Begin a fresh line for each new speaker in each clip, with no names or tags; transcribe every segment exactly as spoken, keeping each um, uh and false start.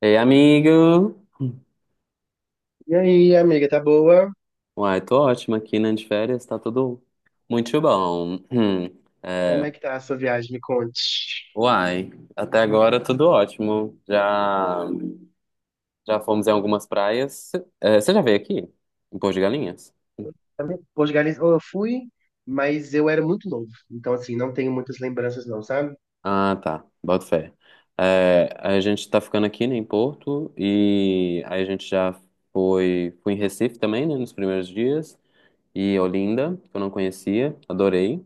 Ei, amigo!
E aí, amiga, tá boa?
Uai, tô ótimo aqui, né, de férias, tá tudo muito bom. Hum,
Como
é,
é que tá a sua viagem? Me conte.
Uai, até agora tudo ótimo. Já, já fomos em algumas praias. Você já veio aqui? Em Porto de Galinhas?
Portugal, eu fui, mas eu era muito novo. Então, assim, não tenho muitas lembranças, não, sabe?
Ah, tá, boto fé. É, a gente tá ficando aqui, né, em Porto, e aí a gente já foi, foi em Recife também, né, nos primeiros dias, e Olinda, que eu não conhecia, adorei.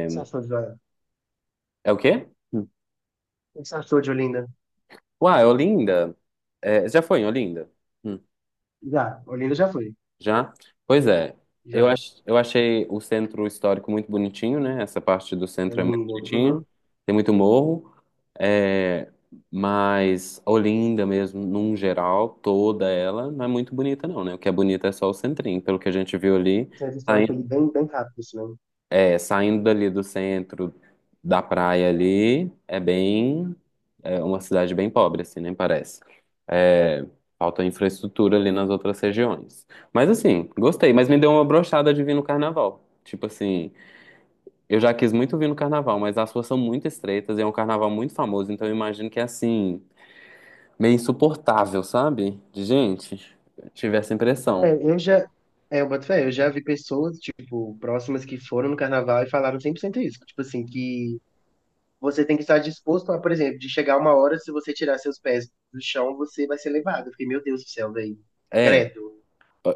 O que você achou de, o
é o quê?
que você achou de Olinda?
Uai, Olinda? É, você já foi em Olinda? Hum,
Já, Olinda já foi.
Já? Pois é. Eu,
Já,
ach, eu achei o centro histórico muito bonitinho, né? Essa parte do centro é muito
Olinda.
bonitinha.
Uhum.
Tem muito morro. É, mas Olinda mesmo, num geral, toda ela, não é muito bonita não, né? O que é bonito é só o centrinho. Pelo que a gente viu ali,
Centro histórico ali bem, bem rápido, assim, né?
é, saindo dali do centro da praia ali, é bem, é uma cidade bem pobre, assim, nem parece. É, falta infraestrutura ali nas outras regiões. Mas assim, gostei, mas me deu uma brochada de vir no carnaval. Tipo assim, eu já quis muito vir no carnaval, mas as ruas são muito estreitas e é um carnaval muito famoso, então eu imagino que é assim, meio insuportável, sabe? De gente, tive essa impressão.
É, eu já... É, eu boto fé, eu já vi pessoas, tipo, próximas que foram no carnaval e falaram cem por cento isso. Tipo assim, que você tem que estar disposto a, por exemplo, de chegar uma hora, se você tirar seus pés do chão, você vai ser levado. Eu fiquei, meu Deus do céu, velho.
É,
Credo.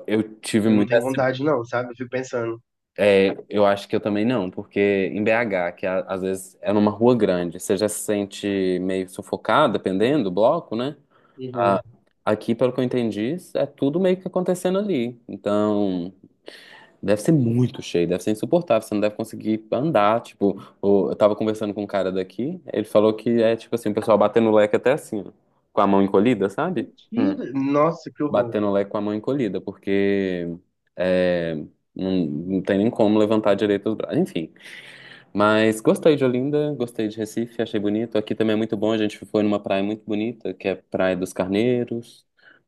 eu tive
Eu não
muita
tenho vontade, não, sabe? Eu fico pensando.
É, eu acho que eu também não, porque em B H, que a- às vezes é numa rua grande, você já se sente meio sufocado, dependendo do bloco, né? A-
Uhum.
Aqui, pelo que eu entendi, é tudo meio que acontecendo ali. Então, deve ser muito cheio, deve ser insuportável, você não deve conseguir andar. Tipo, o- eu tava conversando com um cara daqui, ele falou que é tipo assim, o pessoal batendo o leque até assim, ó, com a mão encolhida, sabe? Hum,
Mentira. Nossa, que horror.
Batendo o leque com a mão encolhida, porque é, não, não tem nem como levantar direito os braços. Enfim, mas gostei de Olinda, gostei de Recife, achei bonito. Aqui também é muito bom, a gente foi numa praia muito bonita, que é a Praia dos Carneiros.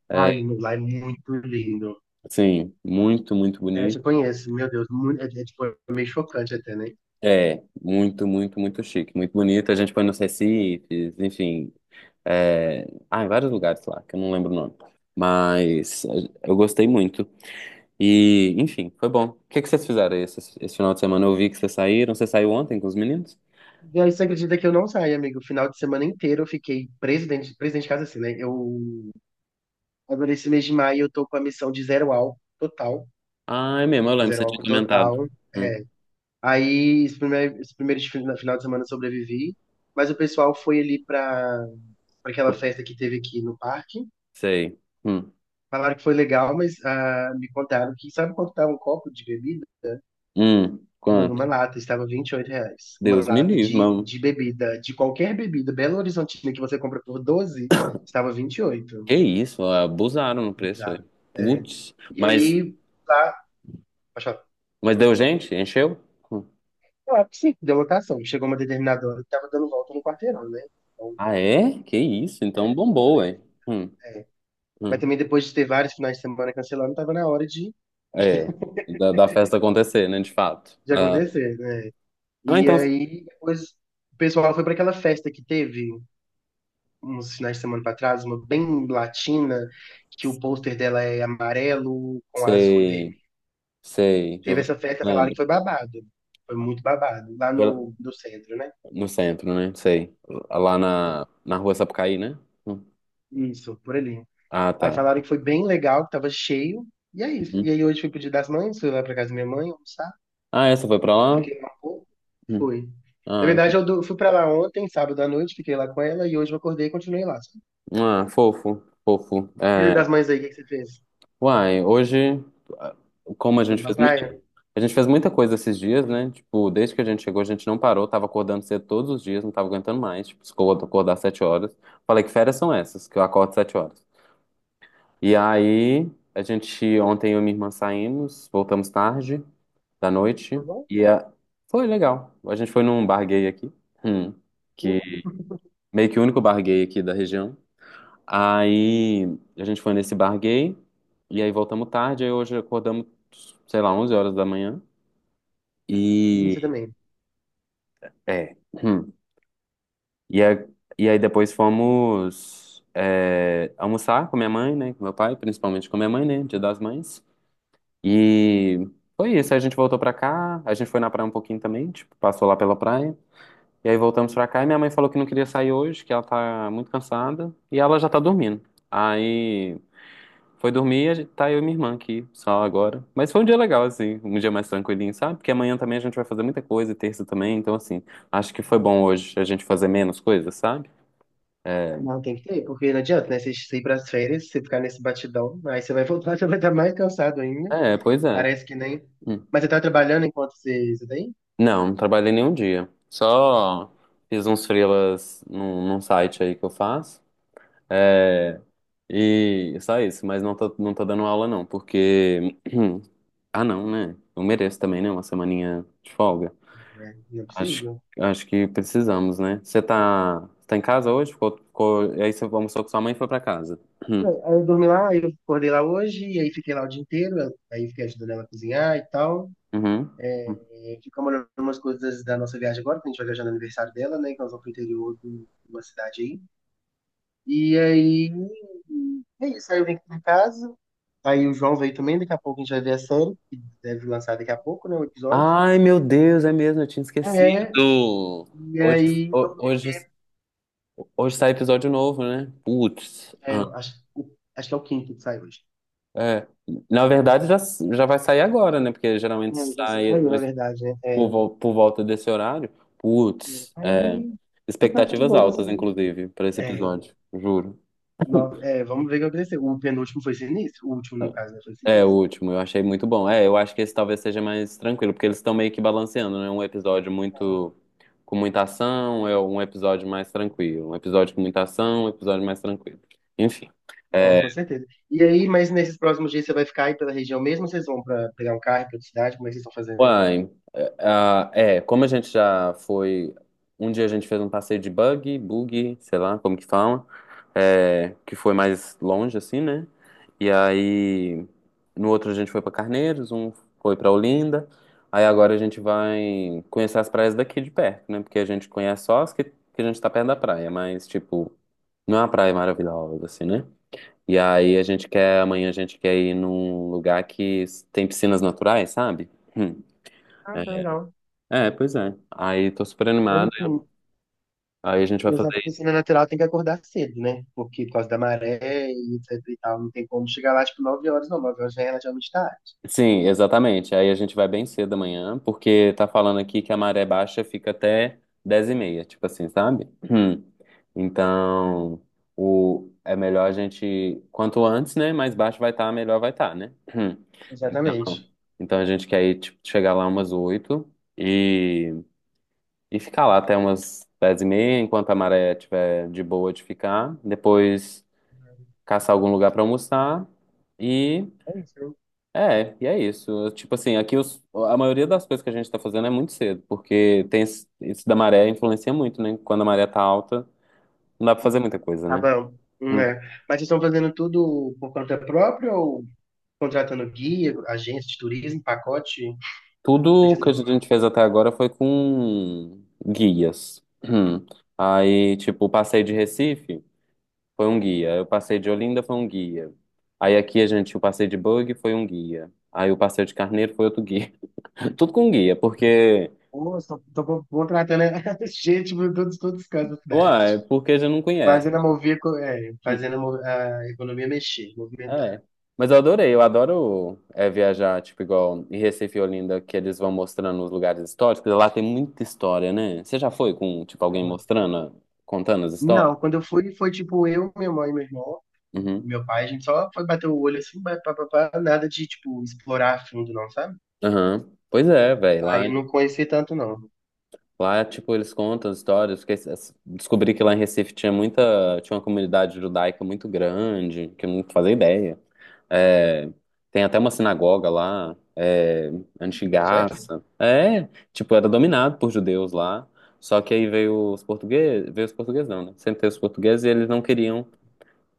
É,
Ai, meu, lá é muito lindo.
sim, muito, muito
É, eu já
bonito.
conheço, meu Deus, muito, é, é, tipo, é meio chocante até, né?
É, muito, muito, muito chique, muito bonito. A gente foi nos Recifes, enfim. É... Ah, em vários lugares lá, que eu não lembro o nome. Mas eh, eu gostei muito. E, enfim, foi bom. O que que vocês fizeram aí esse, esse final de semana? Eu vi que vocês saíram. Você saiu ontem com os meninos?
E aí você acredita que eu não saí, amigo? O final de semana inteiro eu fiquei presidente, presidente de casa assim, né? Eu agora esse mês de maio eu tô com a missão de zero álcool total,
Ah, é mesmo, eu lembro,
zero
você tinha
álcool
comentado.
total.
Hum,
Aí, esse primeiro, esse primeiro fin- final de semana eu sobrevivi, mas o pessoal foi ali pra pra aquela festa que teve aqui no parque.
Sei. Hum.
Falaram que foi legal, mas ah, me contaram que, sabe quanto estava um copo de bebida?
Hum,
Bruno, uma
quanto?
lata, estava vinte e oito reais. Uma
Deus me
lata
livre,
de,
mano.
de bebida, de qualquer bebida, Belo Horizontina, que você compra por doze, estava vinte e oito.
Que isso, abusaram no preço
Bizarro.
aí.
É.
Putz,
E
mas,
aí, lá, pode falar.
mas deu gente? Encheu? Hum.
Claro que sim, deu lotação. Chegou uma determinada hora que estava dando volta no quarteirão, né? Então,
Ah, é? Que isso, então bombou,
era
hein?
isso.
Hum,
É. Mas
hum.
também depois de ter vários finais de semana cancelando, tava na hora de,
É, da, da festa acontecer, né, de fato.
de
Ah,
acontecer, né?
ah,
E
então,
aí depois o pessoal foi para aquela festa que teve uns finais de semana para trás, uma bem latina, que o pôster dela é amarelo com azul e vermelho.
sei, sei, já
Teve
ouvi,
essa festa, falaram que
lembro.
foi babado. Foi muito babado, lá no,
Foi
no centro, né?
no centro, né? Sei. Lá na, na rua Sapucaí, né? Hum.
Isso, por ali.
Ah,
Aí
tá.
falaram que foi bem legal, que tava cheio. E é isso. E
Uhum.
aí hoje fui pro Dia das Mães, fui lá pra casa da minha mãe, almoçar.
Ah, essa foi pra lá?
Fiquei lá um pouco,
Hum.
fui. Na
Ah,
verdade,
que-
eu do- fui pra lá ontem, sábado à noite, fiquei lá com ela e hoje eu acordei e continuei lá, sabe?
ah, Fofo, fofo.
Dia
É.
das Mães aí, o que que você fez?
Uai, hoje, como a
Você foi
gente
pra
fez
praia?
muito, a gente fez muita coisa esses dias, né? Tipo, desde que a gente chegou, a gente não parou, tava acordando cedo todos os dias, não tava aguentando mais. Tipo, ficou acordar às sete horas. Falei que férias são essas, que eu acordo às sete horas. E aí, a gente, ontem eu e minha irmã saímos, voltamos tarde da
Tá
noite,
bom?
e a- foi legal. A gente foi num bar gay aqui, hum, que meio que o único bar gay aqui da região. Aí a gente foi nesse bar gay, e aí voltamos tarde, aí hoje acordamos, sei lá, onze horas da manhã.
Isso
E
também.
é. hum. E, aí- e aí depois fomos é, almoçar com minha mãe, né? Com meu pai, principalmente com minha mãe, né? Dia das Mães. E foi isso. Aí a gente voltou pra cá, a gente foi na praia um pouquinho também, tipo, passou lá pela praia. E aí voltamos pra cá e minha mãe falou que não queria sair hoje, que ela tá muito cansada, e ela já tá dormindo. Aí foi dormir, a gente- tá eu e minha irmã aqui, só agora. Mas foi um dia legal, assim, um dia mais tranquilinho, sabe? Porque amanhã também a gente vai fazer muita coisa, e terça também, então, assim, acho que foi bom hoje a gente fazer menos coisas, sabe?
Não, tem que ter, porque não adianta, né? Você você ir pras férias, você ficar nesse batidão, aí você vai voltar, você vai estar mais cansado ainda.
É, pois é.
Parece que nem.
Hum.
Mas você tá trabalhando enquanto você, você tá aí?
Não, não trabalhei nenhum dia. Só fiz uns freelas num, num site aí que eu faço. É, e só isso, mas não tô, não tô dando aula, não, porque. Ah, não, né? Eu mereço também, né? Uma semaninha de folga.
É, não é
Acho,
possível.
acho que precisamos, né? Você tá, tá em casa hoje? Ficou, ficou, e aí você almoçou com sua mãe e foi pra casa.
É,
Uhum.
aí eu dormi lá, aí eu acordei lá hoje, e aí fiquei lá o dia inteiro, aí fiquei ajudando ela a cozinhar e tal.
Uhum.
Gente fica olhando umas coisas da nossa viagem agora, que a gente vai viajar no aniversário dela, né? Que nós vamos pro interior de uma cidade aí. E aí. É isso. Aí eu vim aqui pra casa. Aí o João veio também, daqui a pouco a gente vai ver a série, que deve lançar daqui a pouco, né? O episódio.
Ai, meu Deus, é mesmo, eu tinha esquecido.
É. E
Hoje,
aí,
ho-
dormi.
hoje, hoje sai episódio novo, né? Putz.
É,
Ah,
eu acho, acho que é o quinto que sai hoje.
é. Na verdade, já, já vai sair agora, né? Porque geralmente
Não, já
sai
saiu, na
mas
verdade, né?
por,
É.
vol- por volta desse horário. Putz, é.
Aí. E tá de
Expectativas
boa,
altas,
assim.
inclusive, pra esse
É,
episódio, juro.
no- é, vamos ver o que aconteceu. O penúltimo foi sinistro, o último, no caso, né, foi
É, o
sinistro.
último, eu achei muito bom. É, eu acho que esse talvez seja mais tranquilo, porque eles estão meio que balanceando, né? Um episódio
É.
muito com muita ação, é um episódio mais tranquilo. Um episódio com muita ação, um episódio mais tranquilo. Enfim.
Não,
é,
com certeza. E aí, mas nesses próximos dias você vai ficar aí pela região mesmo, ou vocês vão para pegar um carro para outra cidade? Como é que vocês estão fazendo?
Uai, é, ah, é, como a gente já foi. Um dia a gente fez um passeio de buggy, buggy, sei lá como que fala, é, que foi mais longe, assim, né? E aí, no outro a gente foi pra Carneiros, um foi pra Olinda. Aí agora a gente vai conhecer as praias daqui de perto, né? Porque a gente conhece só as que, que a gente tá perto da praia, mas, tipo, não é uma praia maravilhosa, assim, né? E aí a gente quer, amanhã a gente quer ir num lugar que tem piscinas naturais, sabe?
Ah, tá legal.
É, pois é. Aí tô super
Mas
animado.
assim,
Aí a gente vai
mas a
fazer.
piscina natural tem que acordar cedo, né? Porque por causa da maré e etc e tal, não tem como chegar lá tipo nove horas, não. Nove horas já é relativamente tarde.
Sim, exatamente. Aí a gente vai bem cedo amanhã, porque tá falando aqui que a maré baixa fica até dez e meia, tipo assim, sabe? Hum. Então, o... é melhor a gente. Quanto antes, né? Mais baixo vai estar, melhor vai estar, né? Hum.
Exatamente.
Então, então a gente quer ir, tipo, chegar lá umas oito e, e ficar lá até umas dez e meia, enquanto a maré tiver de boa de ficar. Depois, caçar algum lugar pra almoçar e
É isso.
é, e é isso. Tipo assim, aqui os, a maioria das coisas que a gente tá fazendo é muito cedo, porque tem esse- isso da maré influencia muito, né? Quando a maré tá alta, não dá pra fazer muita coisa,
Tá
né?
bom.
Hum.
Né? Mas vocês estão fazendo tudo por conta própria ou contratando guia, agência de turismo, pacote. O que que
Tudo
vocês
que
estão...
a gente fez até agora foi com guias. Hum. Aí, tipo, o passeio de Recife foi um guia, aí o passeio de Olinda foi um guia. Aí aqui a gente, o passeio de bug foi um guia. Aí o passeio de Carneiro foi outro guia. Tudo com guia, porque
Pô, só tô contratando gente por todos, todos os cantos da cidade.
uai, porque já não conhece.
Fazendo a mover, co- é,
Hum,
fazendo a, mo- a economia mexer, movimentar.
É. Mas eu adorei, eu adoro é, viajar, tipo, igual em Recife e Olinda, que eles vão mostrando os lugares históricos. Lá tem muita história, né? Você já foi com, tipo,
É
alguém
muito.
mostrando, contando as histórias?
Não, quando eu fui, foi tipo eu, minha mãe, meu irmão,
Uhum.
meu pai, a gente só foi bater o olho assim, pá, pá, pá, pá, nada de, tipo, explorar a fundo, não, sabe?
Aham. Pois é, velho.
Aí
lá
eu não conheci tanto, não.
Lá, tipo, eles contam as histórias, porque es- descobri que lá em Recife tinha muita, tinha uma comunidade judaica muito grande, que eu não fazia ideia. É, tem até uma sinagoga lá, é,
Sério?
antigaça. É, tipo, era dominado por judeus lá, só que aí veio os portugueses, veio os portugueses não, né? Sempre teve os portugueses e eles não queriam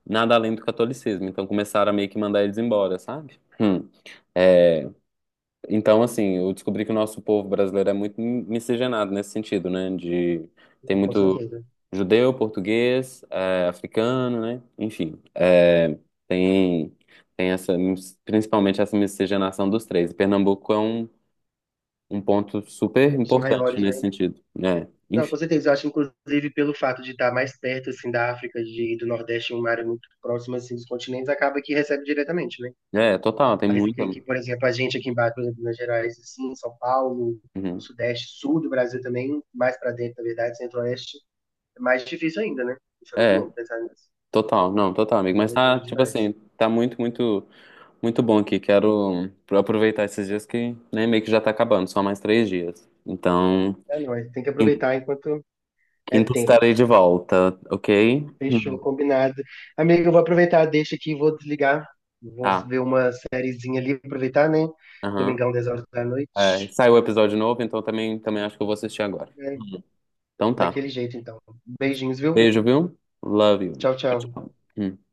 nada além do catolicismo, então começaram a meio que mandar eles embora, sabe? Hum. É, então, assim, eu descobri que o nosso povo brasileiro é muito mi- miscigenado nesse sentido, né? De, tem,
Com
muito
certeza.
judeu, português, é, africano, né? Enfim, é, tem, tem essa, mis- principalmente essa miscigenação dos três. E Pernambuco é um, um ponto super
Um dos
importante
maiores,
nesse
né?
sentido, né?
Não, com
Enfim,
certeza. Eu acho, inclusive, pelo fato de estar mais perto, assim, da África de, e do Nordeste, uma área muito próxima, assim, dos continentes, acaba que recebe diretamente, né?
é, total, tem
Mais do que
muita.
aqui, por exemplo, a gente aqui embaixo, por exemplo, em Minas Gerais, assim, São Paulo,
Uhum.
Sudeste, Sul do Brasil também, mais para dentro, na verdade, Centro-Oeste, é mais difícil ainda, né? Isso é muito
É,
louco pensar nisso.
total, não, total,
É
amigo.
uma
Mas
loucura
tá, tipo
demais.
assim, tá muito, muito. Muito bom aqui. Quero aproveitar esses dias que, né, meio que já tá acabando, só mais três dias. Então,
É, não, é- tem que
quin-
aproveitar enquanto é
quinta
tempo.
estarei de volta, ok?
Fechou,
Uhum.
combinado. Amigo, eu vou aproveitar, deixa aqui, vou desligar. Vou
ah
ver uma sériezinha ali, aproveitar, né?
Aham.
Domingão, dez horas da
É,
noite.
saiu o episódio novo, então também, também acho que eu vou assistir agora.
É,
Então tá.
daquele jeito, então. Beijinhos, viu?
Beijo, viu? Love you.
Tchau,
Tchau,
tchau.
tchau. Hum.